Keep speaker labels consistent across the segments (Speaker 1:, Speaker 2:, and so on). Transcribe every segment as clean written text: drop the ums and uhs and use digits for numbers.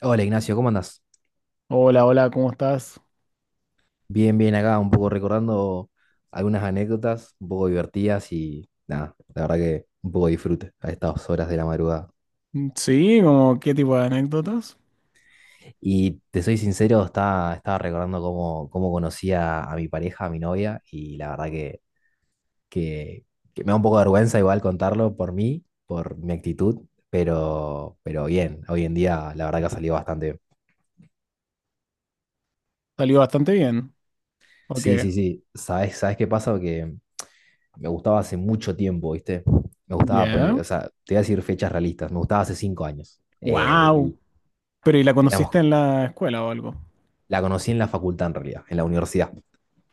Speaker 1: Hola Ignacio, ¿cómo andás?
Speaker 2: Hola, hola, ¿cómo estás?
Speaker 1: Bien, bien acá, un poco recordando algunas anécdotas, un poco divertidas y nada, la verdad que un poco disfrute a estas horas de la madrugada.
Speaker 2: Sí, ¿como qué tipo de anécdotas?
Speaker 1: Y te soy sincero, estaba recordando cómo conocí a mi pareja, a mi novia, y la verdad que, que me da un poco de vergüenza igual contarlo por mí, por mi actitud, pero bien, hoy en día la verdad que ha salido bastante bien.
Speaker 2: Salió bastante bien. Ok.
Speaker 1: Sí, sí, sí, ¿sabes qué pasa? Que me gustaba hace mucho tiempo, ¿viste? Me gustaba ponerle,
Speaker 2: Ya.
Speaker 1: o sea, te voy a decir fechas realistas, me gustaba hace cinco años. Eh,
Speaker 2: Wow.
Speaker 1: y
Speaker 2: Pero ¿y la conociste
Speaker 1: éramos,
Speaker 2: en la escuela o algo?
Speaker 1: la conocí en la facultad en realidad, en la universidad.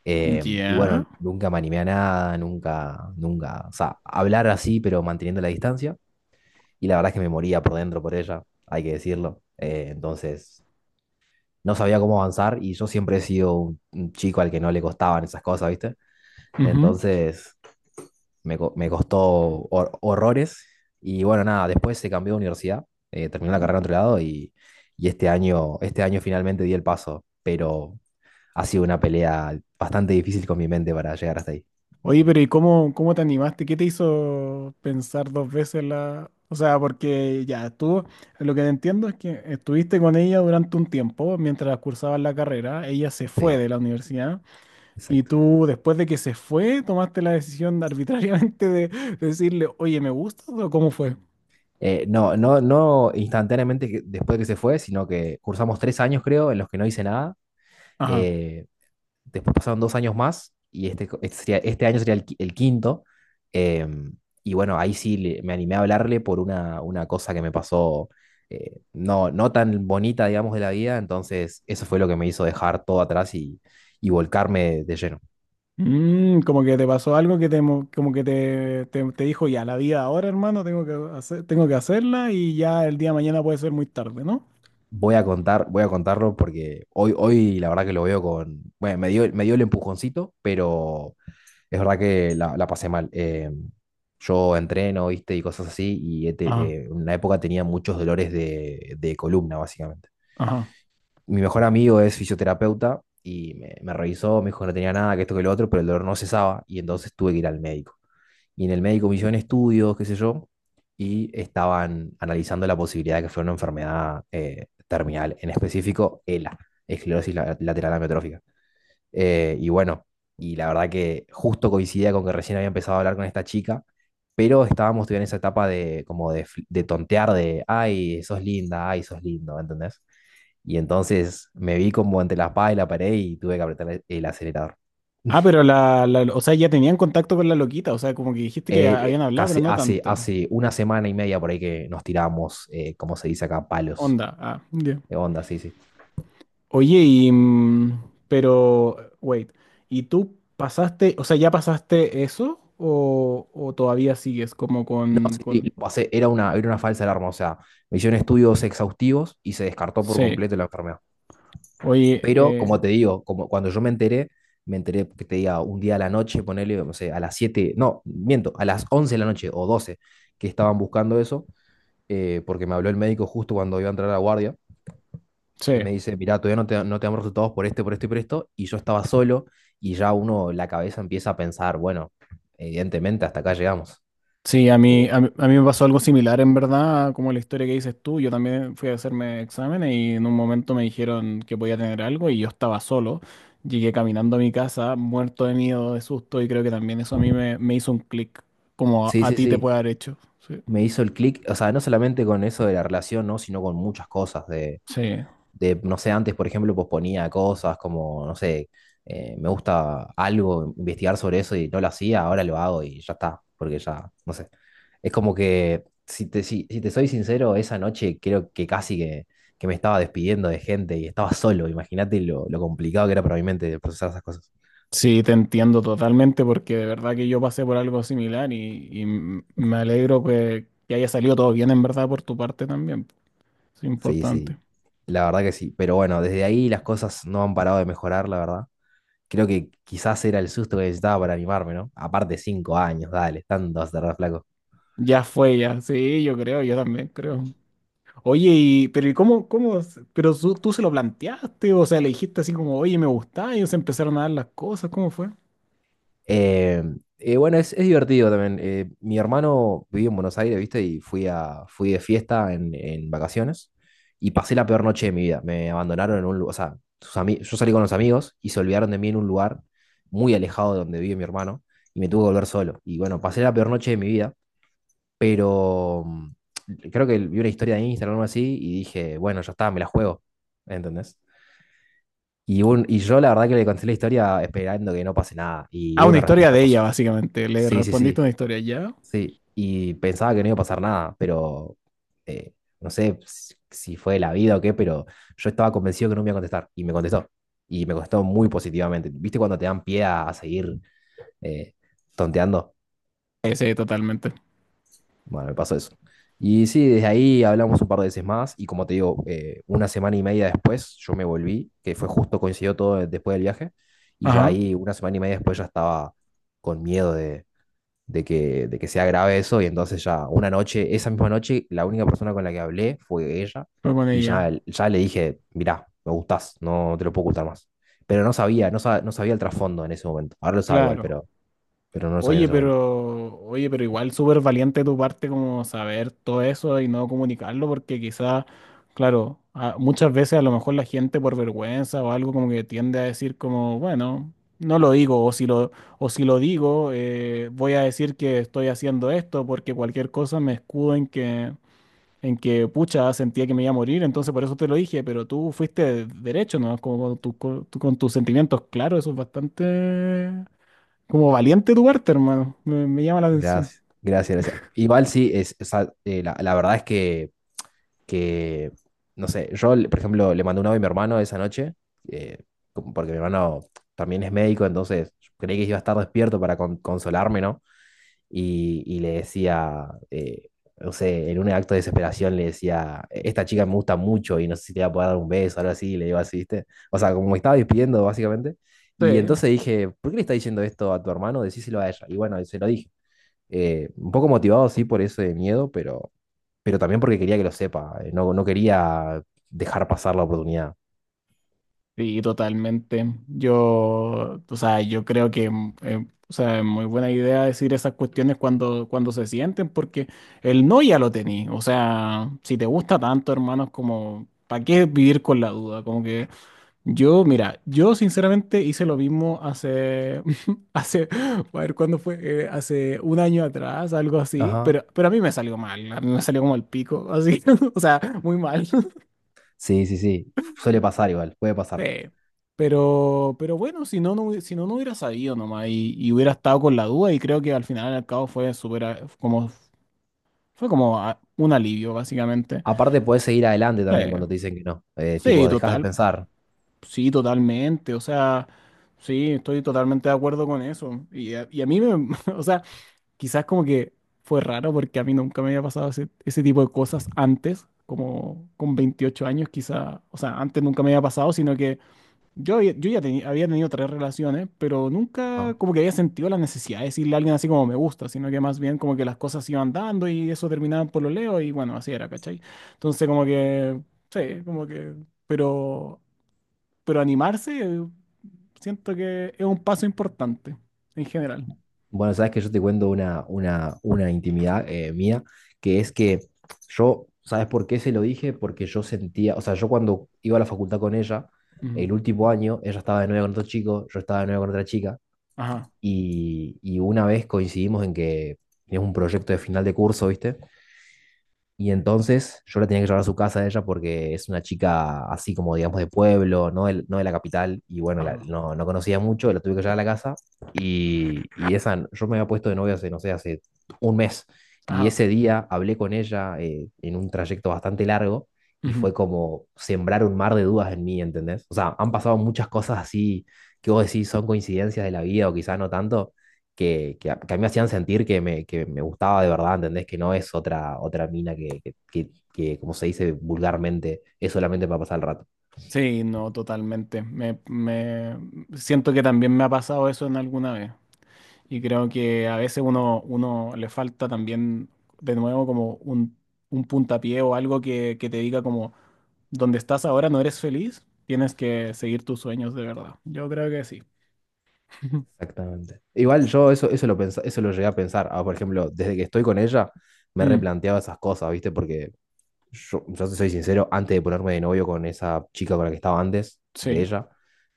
Speaker 1: Y
Speaker 2: Ya.
Speaker 1: bueno, nunca me animé a nada, nunca, o sea, hablar así, pero manteniendo la distancia. Y la verdad es que me moría por dentro por ella, hay que decirlo. Entonces, no sabía cómo avanzar y yo siempre he sido un chico al que no le costaban esas cosas, ¿viste?
Speaker 2: Ujú.
Speaker 1: Entonces, me costó horrores. Y bueno, nada, después se cambió de universidad, terminé la carrera en otro lado y este año finalmente di el paso, pero ha sido una pelea bastante difícil con mi mente para llegar hasta ahí.
Speaker 2: Oye, pero ¿y cómo, cómo te animaste? ¿Qué te hizo pensar dos veces la... O sea, porque ya tú, lo que entiendo es que estuviste con ella durante un tiempo mientras cursabas la carrera. Ella se
Speaker 1: Sí,
Speaker 2: fue de la universidad. Y
Speaker 1: exacto.
Speaker 2: tú, después de que se fue, tomaste la decisión de arbitrariamente de decirle, oye, ¿me gusta? O ¿cómo fue?
Speaker 1: No instantáneamente después de que se fue, sino que cursamos tres años, creo, en los que no hice nada.
Speaker 2: Ajá.
Speaker 1: eh, Después pasaron dos años más y este año sería el quinto. eh, y bueno, ahí sí me animé a hablarle por una cosa que me pasó no tan bonita, digamos, de la vida. Entonces, eso fue lo que me hizo dejar todo atrás y volcarme de lleno.
Speaker 2: Como que te pasó algo que te, mo- como que te dijo, ya, la vida ahora, hermano, tengo que hacer, tengo que hacerla y ya el día de mañana puede ser muy tarde, ¿no?
Speaker 1: Voy a contarlo porque hoy la verdad que lo veo con, bueno, me dio el empujoncito, pero es verdad que la pasé mal. Yo entreno, viste, y cosas así, y
Speaker 2: Ajá,
Speaker 1: en una época tenía muchos dolores de columna, básicamente.
Speaker 2: ajá.
Speaker 1: Mi mejor amigo es fisioterapeuta y me revisó, me dijo que no tenía nada, que esto, que lo otro, pero el dolor no cesaba y entonces tuve que ir al médico. Y en el médico me hicieron estudios, qué sé yo, y estaban analizando la posibilidad de que fuera una enfermedad terminal, en específico ELA, esclerosis lateral amiotrófica. Y bueno, y la verdad que justo coincidía con que recién había empezado a hablar con esta chica, pero estábamos todavía en esa etapa de como de tontear de, ay, sos linda, ay, sos lindo, ¿entendés? Y entonces me vi como entre la espada y la pared y tuve que apretar el acelerador.
Speaker 2: Ah, pero o sea, ya tenían contacto con la loquita, o sea, como que dijiste que habían hablado, pero no tanto.
Speaker 1: Hace una semana y media por ahí que nos tiramos, como se dice acá, palos.
Speaker 2: Onda, ah, ya.
Speaker 1: De onda, sí, sí.
Speaker 2: Oye, y, pero, wait, ¿y tú pasaste, o sea, ya pasaste eso o todavía sigues como
Speaker 1: No, sí, sí,
Speaker 2: con...
Speaker 1: lo pasé, era era una falsa alarma, o sea, me hicieron estudios exhaustivos y se descartó por
Speaker 2: Sí,
Speaker 1: completo la enfermedad.
Speaker 2: oye,
Speaker 1: Pero como te digo, como cuando yo me enteré que te diga un día a la noche, ponele, no sé, a las 7 no, miento, a las 11 de la noche o 12 que estaban buscando eso, porque me habló el médico justo cuando iba a entrar a la guardia y
Speaker 2: sí,
Speaker 1: me dice, mirá, todavía no te, no te damos resultados por este, por esto, y yo estaba solo y ya uno, la cabeza empieza a pensar, bueno, evidentemente hasta acá llegamos.
Speaker 2: sí,
Speaker 1: Eh,
Speaker 2: a mí me pasó algo similar en verdad, como la historia que dices tú. Yo también fui a hacerme exámenes y en un momento me dijeron que podía tener algo, y yo estaba solo, llegué caminando a mi casa, muerto de miedo, de susto, y creo que también eso a mí me, me hizo un clic, como
Speaker 1: sí,
Speaker 2: a
Speaker 1: sí,
Speaker 2: ti te
Speaker 1: sí,
Speaker 2: puede haber hecho, sí,
Speaker 1: me hizo el clic, o sea, no solamente con eso de la relación, ¿no? Sino con muchas cosas de
Speaker 2: sí.
Speaker 1: de, no sé, antes, por ejemplo, posponía cosas como, no sé, me gusta algo, investigar sobre eso y no lo hacía, ahora lo hago y ya está, porque ya, no sé. Es como que, si te soy sincero, esa noche creo que casi que me estaba despidiendo de gente y estaba solo, imagínate lo complicado que era para mi mente procesar esas cosas.
Speaker 2: Sí, te entiendo totalmente, porque de verdad que yo pasé por algo similar y m- me alegro que haya salido todo bien en verdad por tu parte también. Es
Speaker 1: Sí,
Speaker 2: importante.
Speaker 1: sí, la verdad que sí, pero bueno, desde ahí las cosas no han parado de mejorar, la verdad. Creo que quizás era el susto que necesitaba para animarme, ¿no? Aparte, cinco años, dale, tanto vas a tardar, flaco.
Speaker 2: Ya fue, ya. Sí, yo creo, yo también creo. Oye, y, pero ¿y cómo, cómo, se- pero su- tú, se lo planteaste? O sea, ¿le dijiste así como, oye, me gusta, y ellos empezaron a dar las cosas? ¿Cómo fue?
Speaker 1: Eh, bueno, es divertido también. Mi hermano vivía en Buenos Aires, ¿viste? Y fui de fiesta en vacaciones y pasé la peor noche de mi vida. Me abandonaron en un lugar, o sea, yo salí con los amigos y se olvidaron de mí en un lugar muy alejado de donde vive mi hermano y me tuve que volver solo. Y bueno, pasé la peor noche de mi vida, pero creo que vi una historia de Instagram o algo así y dije, bueno, ya está, me la juego, ¿entendés? Y yo la verdad que le conté la historia esperando que no pase nada y
Speaker 2: Ah,
Speaker 1: hubo
Speaker 2: una
Speaker 1: una
Speaker 2: historia
Speaker 1: respuesta
Speaker 2: de ella,
Speaker 1: positiva.
Speaker 2: básicamente. Le
Speaker 1: Sí, sí,
Speaker 2: respondiste
Speaker 1: sí,
Speaker 2: una historia, ¿ya?
Speaker 1: sí, y pensaba que no iba a pasar nada, pero eh, no sé si fue la vida o qué, pero yo estaba convencido que no me iba a contestar y me contestó. Y me contestó muy positivamente. ¿Viste cuando te dan pie a seguir eh, tonteando?
Speaker 2: Sí, sí, totalmente.
Speaker 1: Bueno, me pasó eso. Y sí, desde ahí hablamos un par de veces más y como te digo, una semana y media después yo me volví, que fue justo coincidió todo después del viaje, y ya
Speaker 2: Ajá,
Speaker 1: ahí una semana y media después ya estaba con miedo de de que sea grave eso, y entonces ya una noche, esa misma noche, la única persona con la que hablé fue ella,
Speaker 2: fue con
Speaker 1: y ya,
Speaker 2: ella.
Speaker 1: ya le dije, mirá, me gustás, no te lo puedo ocultar más. Pero no sabía, no sabía el trasfondo en ese momento. Ahora lo sabe igual,
Speaker 2: Claro.
Speaker 1: pero no lo sabía en ese momento.
Speaker 2: Oye, pero igual súper valiente de tu parte como saber todo eso y no comunicarlo, porque quizá, claro, a- muchas veces a lo mejor la gente por vergüenza o algo como que tiende a decir como, bueno, no lo digo, o si lo digo, voy a decir que estoy haciendo esto, porque cualquier cosa me escudo en que, pucha, sentía que me iba a morir, entonces por eso te lo dije, pero tú fuiste derecho, ¿no? Como con, tu- con tu- con tus sentimientos, claro, eso es bastante como valiente tu parte, hermano. Me llama la atención.
Speaker 1: Gracias, gracias, gracias. Igual sí, es, o sea, la, la verdad es que no sé, por ejemplo, le mandé un audio a mi hermano esa noche, eh, como porque mi hermano también es médico, entonces creí que iba a estar despierto para consolarme, ¿no? Y, y le decía, no sé, en un acto de desesperación le decía, esta chica me gusta mucho y no sé si te va a poder dar un beso, algo así, y le digo así, ¿viste? O sea, como me estaba despidiendo básicamente.
Speaker 2: Sí,
Speaker 1: Y entonces dije, ¿por qué le está diciendo esto a tu hermano? Decíselo a ella. Y bueno, se lo dije. Un poco motivado, sí, por ese miedo, pero también porque quería que lo sepa. No no quería dejar pasar la oportunidad.
Speaker 2: sí, totalmente. Yo, o sea, yo creo que o sea, es muy buena idea decir esas cuestiones cuando, cuando se sienten, porque el no ya lo tení. O sea, si te gusta tanto, hermano, es como, ¿para qué vivir con la duda? Como que yo, mira, yo sinceramente hice lo mismo hace, hace, a ver, ¿cuándo fue? Hace un año atrás, algo así,
Speaker 1: Ajá.
Speaker 2: pero a mí me salió mal, a mí me salió como el pico, así, o sea, muy mal.
Speaker 1: Sí, sí, sí. Suele pasar igual, puede
Speaker 2: Sí.
Speaker 1: pasar.
Speaker 2: Pero bueno, hubi- si no, no hubiera sabido nomás y hubiera estado con la duda, y creo que al final al cabo fue súper, a- como, fue como a- un alivio, básicamente.
Speaker 1: Aparte, puedes seguir adelante
Speaker 2: Sí,
Speaker 1: también cuando te dicen que no.
Speaker 2: sí,
Speaker 1: Tipo, dejas de
Speaker 2: total.
Speaker 1: pensar.
Speaker 2: Sí, totalmente. O sea, sí, estoy totalmente de acuerdo con eso. Y a mí me, o sea, quizás como que fue raro porque a mí nunca me había pasado ese, ese tipo de cosas antes, como con 28 años, quizás, o sea, antes nunca me había pasado, sino que yo, ya- yo ya teni- había tenido tres relaciones, pero nunca
Speaker 1: Ajá.
Speaker 2: como que había sentido la necesidad de decirle a alguien así como me gusta, sino que más bien como que las cosas iban dando y eso terminaba por lo leo y bueno, así era, ¿cachai? Entonces como que, sí, como que, pero pero animarse siento que es un paso importante en general.
Speaker 1: Bueno, sabes que yo te cuento una intimidad mía, que es que yo, ¿sabes por qué se lo dije? Porque yo sentía, o sea, yo cuando iba a la facultad con ella,
Speaker 2: Ujú.
Speaker 1: el último año, ella estaba de novia con otro chico, yo estaba de novia con otra chica,
Speaker 2: Ajá,
Speaker 1: y una vez coincidimos en que teníamos un proyecto de final de curso, ¿viste? Y entonces yo la tenía que llevar a su casa a ella porque es una chica así como, digamos, de pueblo, no de, no de la capital. Y bueno,
Speaker 2: ajá,
Speaker 1: no conocía mucho, la tuve que llevar a la casa. Y, y esa, yo me había puesto de novia hace, no sé, hace un mes. Y
Speaker 2: ajá.
Speaker 1: ese día hablé con ella en un trayecto bastante largo y
Speaker 2: Ujú.
Speaker 1: fue como sembrar un mar de dudas en mí, ¿entendés? O sea, han pasado muchas cosas así que vos decís son coincidencias de la vida o quizás no tanto que a mí me hacían sentir que que me gustaba de verdad, ¿entendés? Que no es otra mina como se dice vulgarmente, es solamente para pasar el rato.
Speaker 2: Sí, no, totalmente. Me- siento que también me ha pasado eso en alguna vez. Y creo que a veces uno le falta también, de nuevo, como un puntapié o algo que te diga como, donde estás ahora no eres feliz, tienes que seguir tus sueños de verdad. Yo creo que sí.
Speaker 1: Exactamente. Igual yo eso, eso lo llegué a pensar. Ah, por ejemplo, desde que estoy con ella, me
Speaker 2: Mm,
Speaker 1: replanteaba esas cosas, ¿viste? Porque yo te soy sincero, antes de ponerme de novio con esa chica con la que estaba antes, de
Speaker 2: sí.
Speaker 1: ella,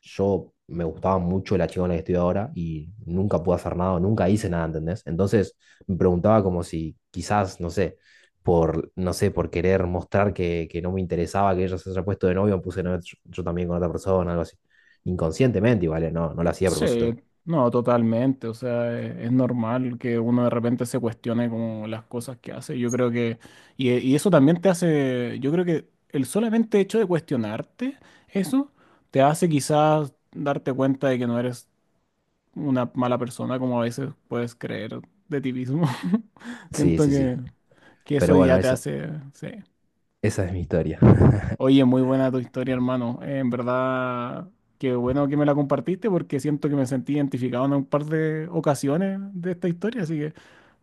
Speaker 1: yo me gustaba mucho la chica con la que estoy ahora y nunca pude hacer nada, nunca hice nada, ¿entendés? Entonces me preguntaba como si quizás, no sé, no sé, por querer mostrar que no me interesaba que ella se haya puesto de novio, me puse de novio yo también con otra persona, algo así. Inconscientemente, igual, ¿eh? No lo hacía a propósito.
Speaker 2: Sí, no, totalmente. O sea, e- es normal que uno de repente se cuestione como las cosas que hace. Yo creo que, y, e- y eso también te hace, yo creo que el solamente hecho de cuestionarte eso te hace quizás darte cuenta de que no eres una mala persona como a veces puedes creer de ti mismo.
Speaker 1: Sí,
Speaker 2: Siento
Speaker 1: sí, sí.
Speaker 2: que eso
Speaker 1: Pero bueno,
Speaker 2: ya te
Speaker 1: esa,
Speaker 2: hace, sí.
Speaker 1: esa es mi historia.
Speaker 2: Oye, muy buena tu historia, hermano. En verdad, qué bueno que me la compartiste porque siento que me sentí identificado en un par de ocasiones de esta historia, así que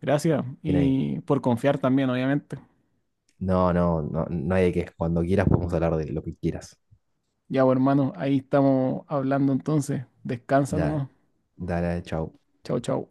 Speaker 2: gracias
Speaker 1: Bien ahí.
Speaker 2: y por confiar también, obviamente.
Speaker 1: No, no, no, no hay de qué. Cuando quieras podemos hablar de lo que quieras.
Speaker 2: Ya, bueno, hermano, ahí estamos hablando entonces. Descansa
Speaker 1: Dale,
Speaker 2: nomás.
Speaker 1: dale, chao.
Speaker 2: Chau, chau.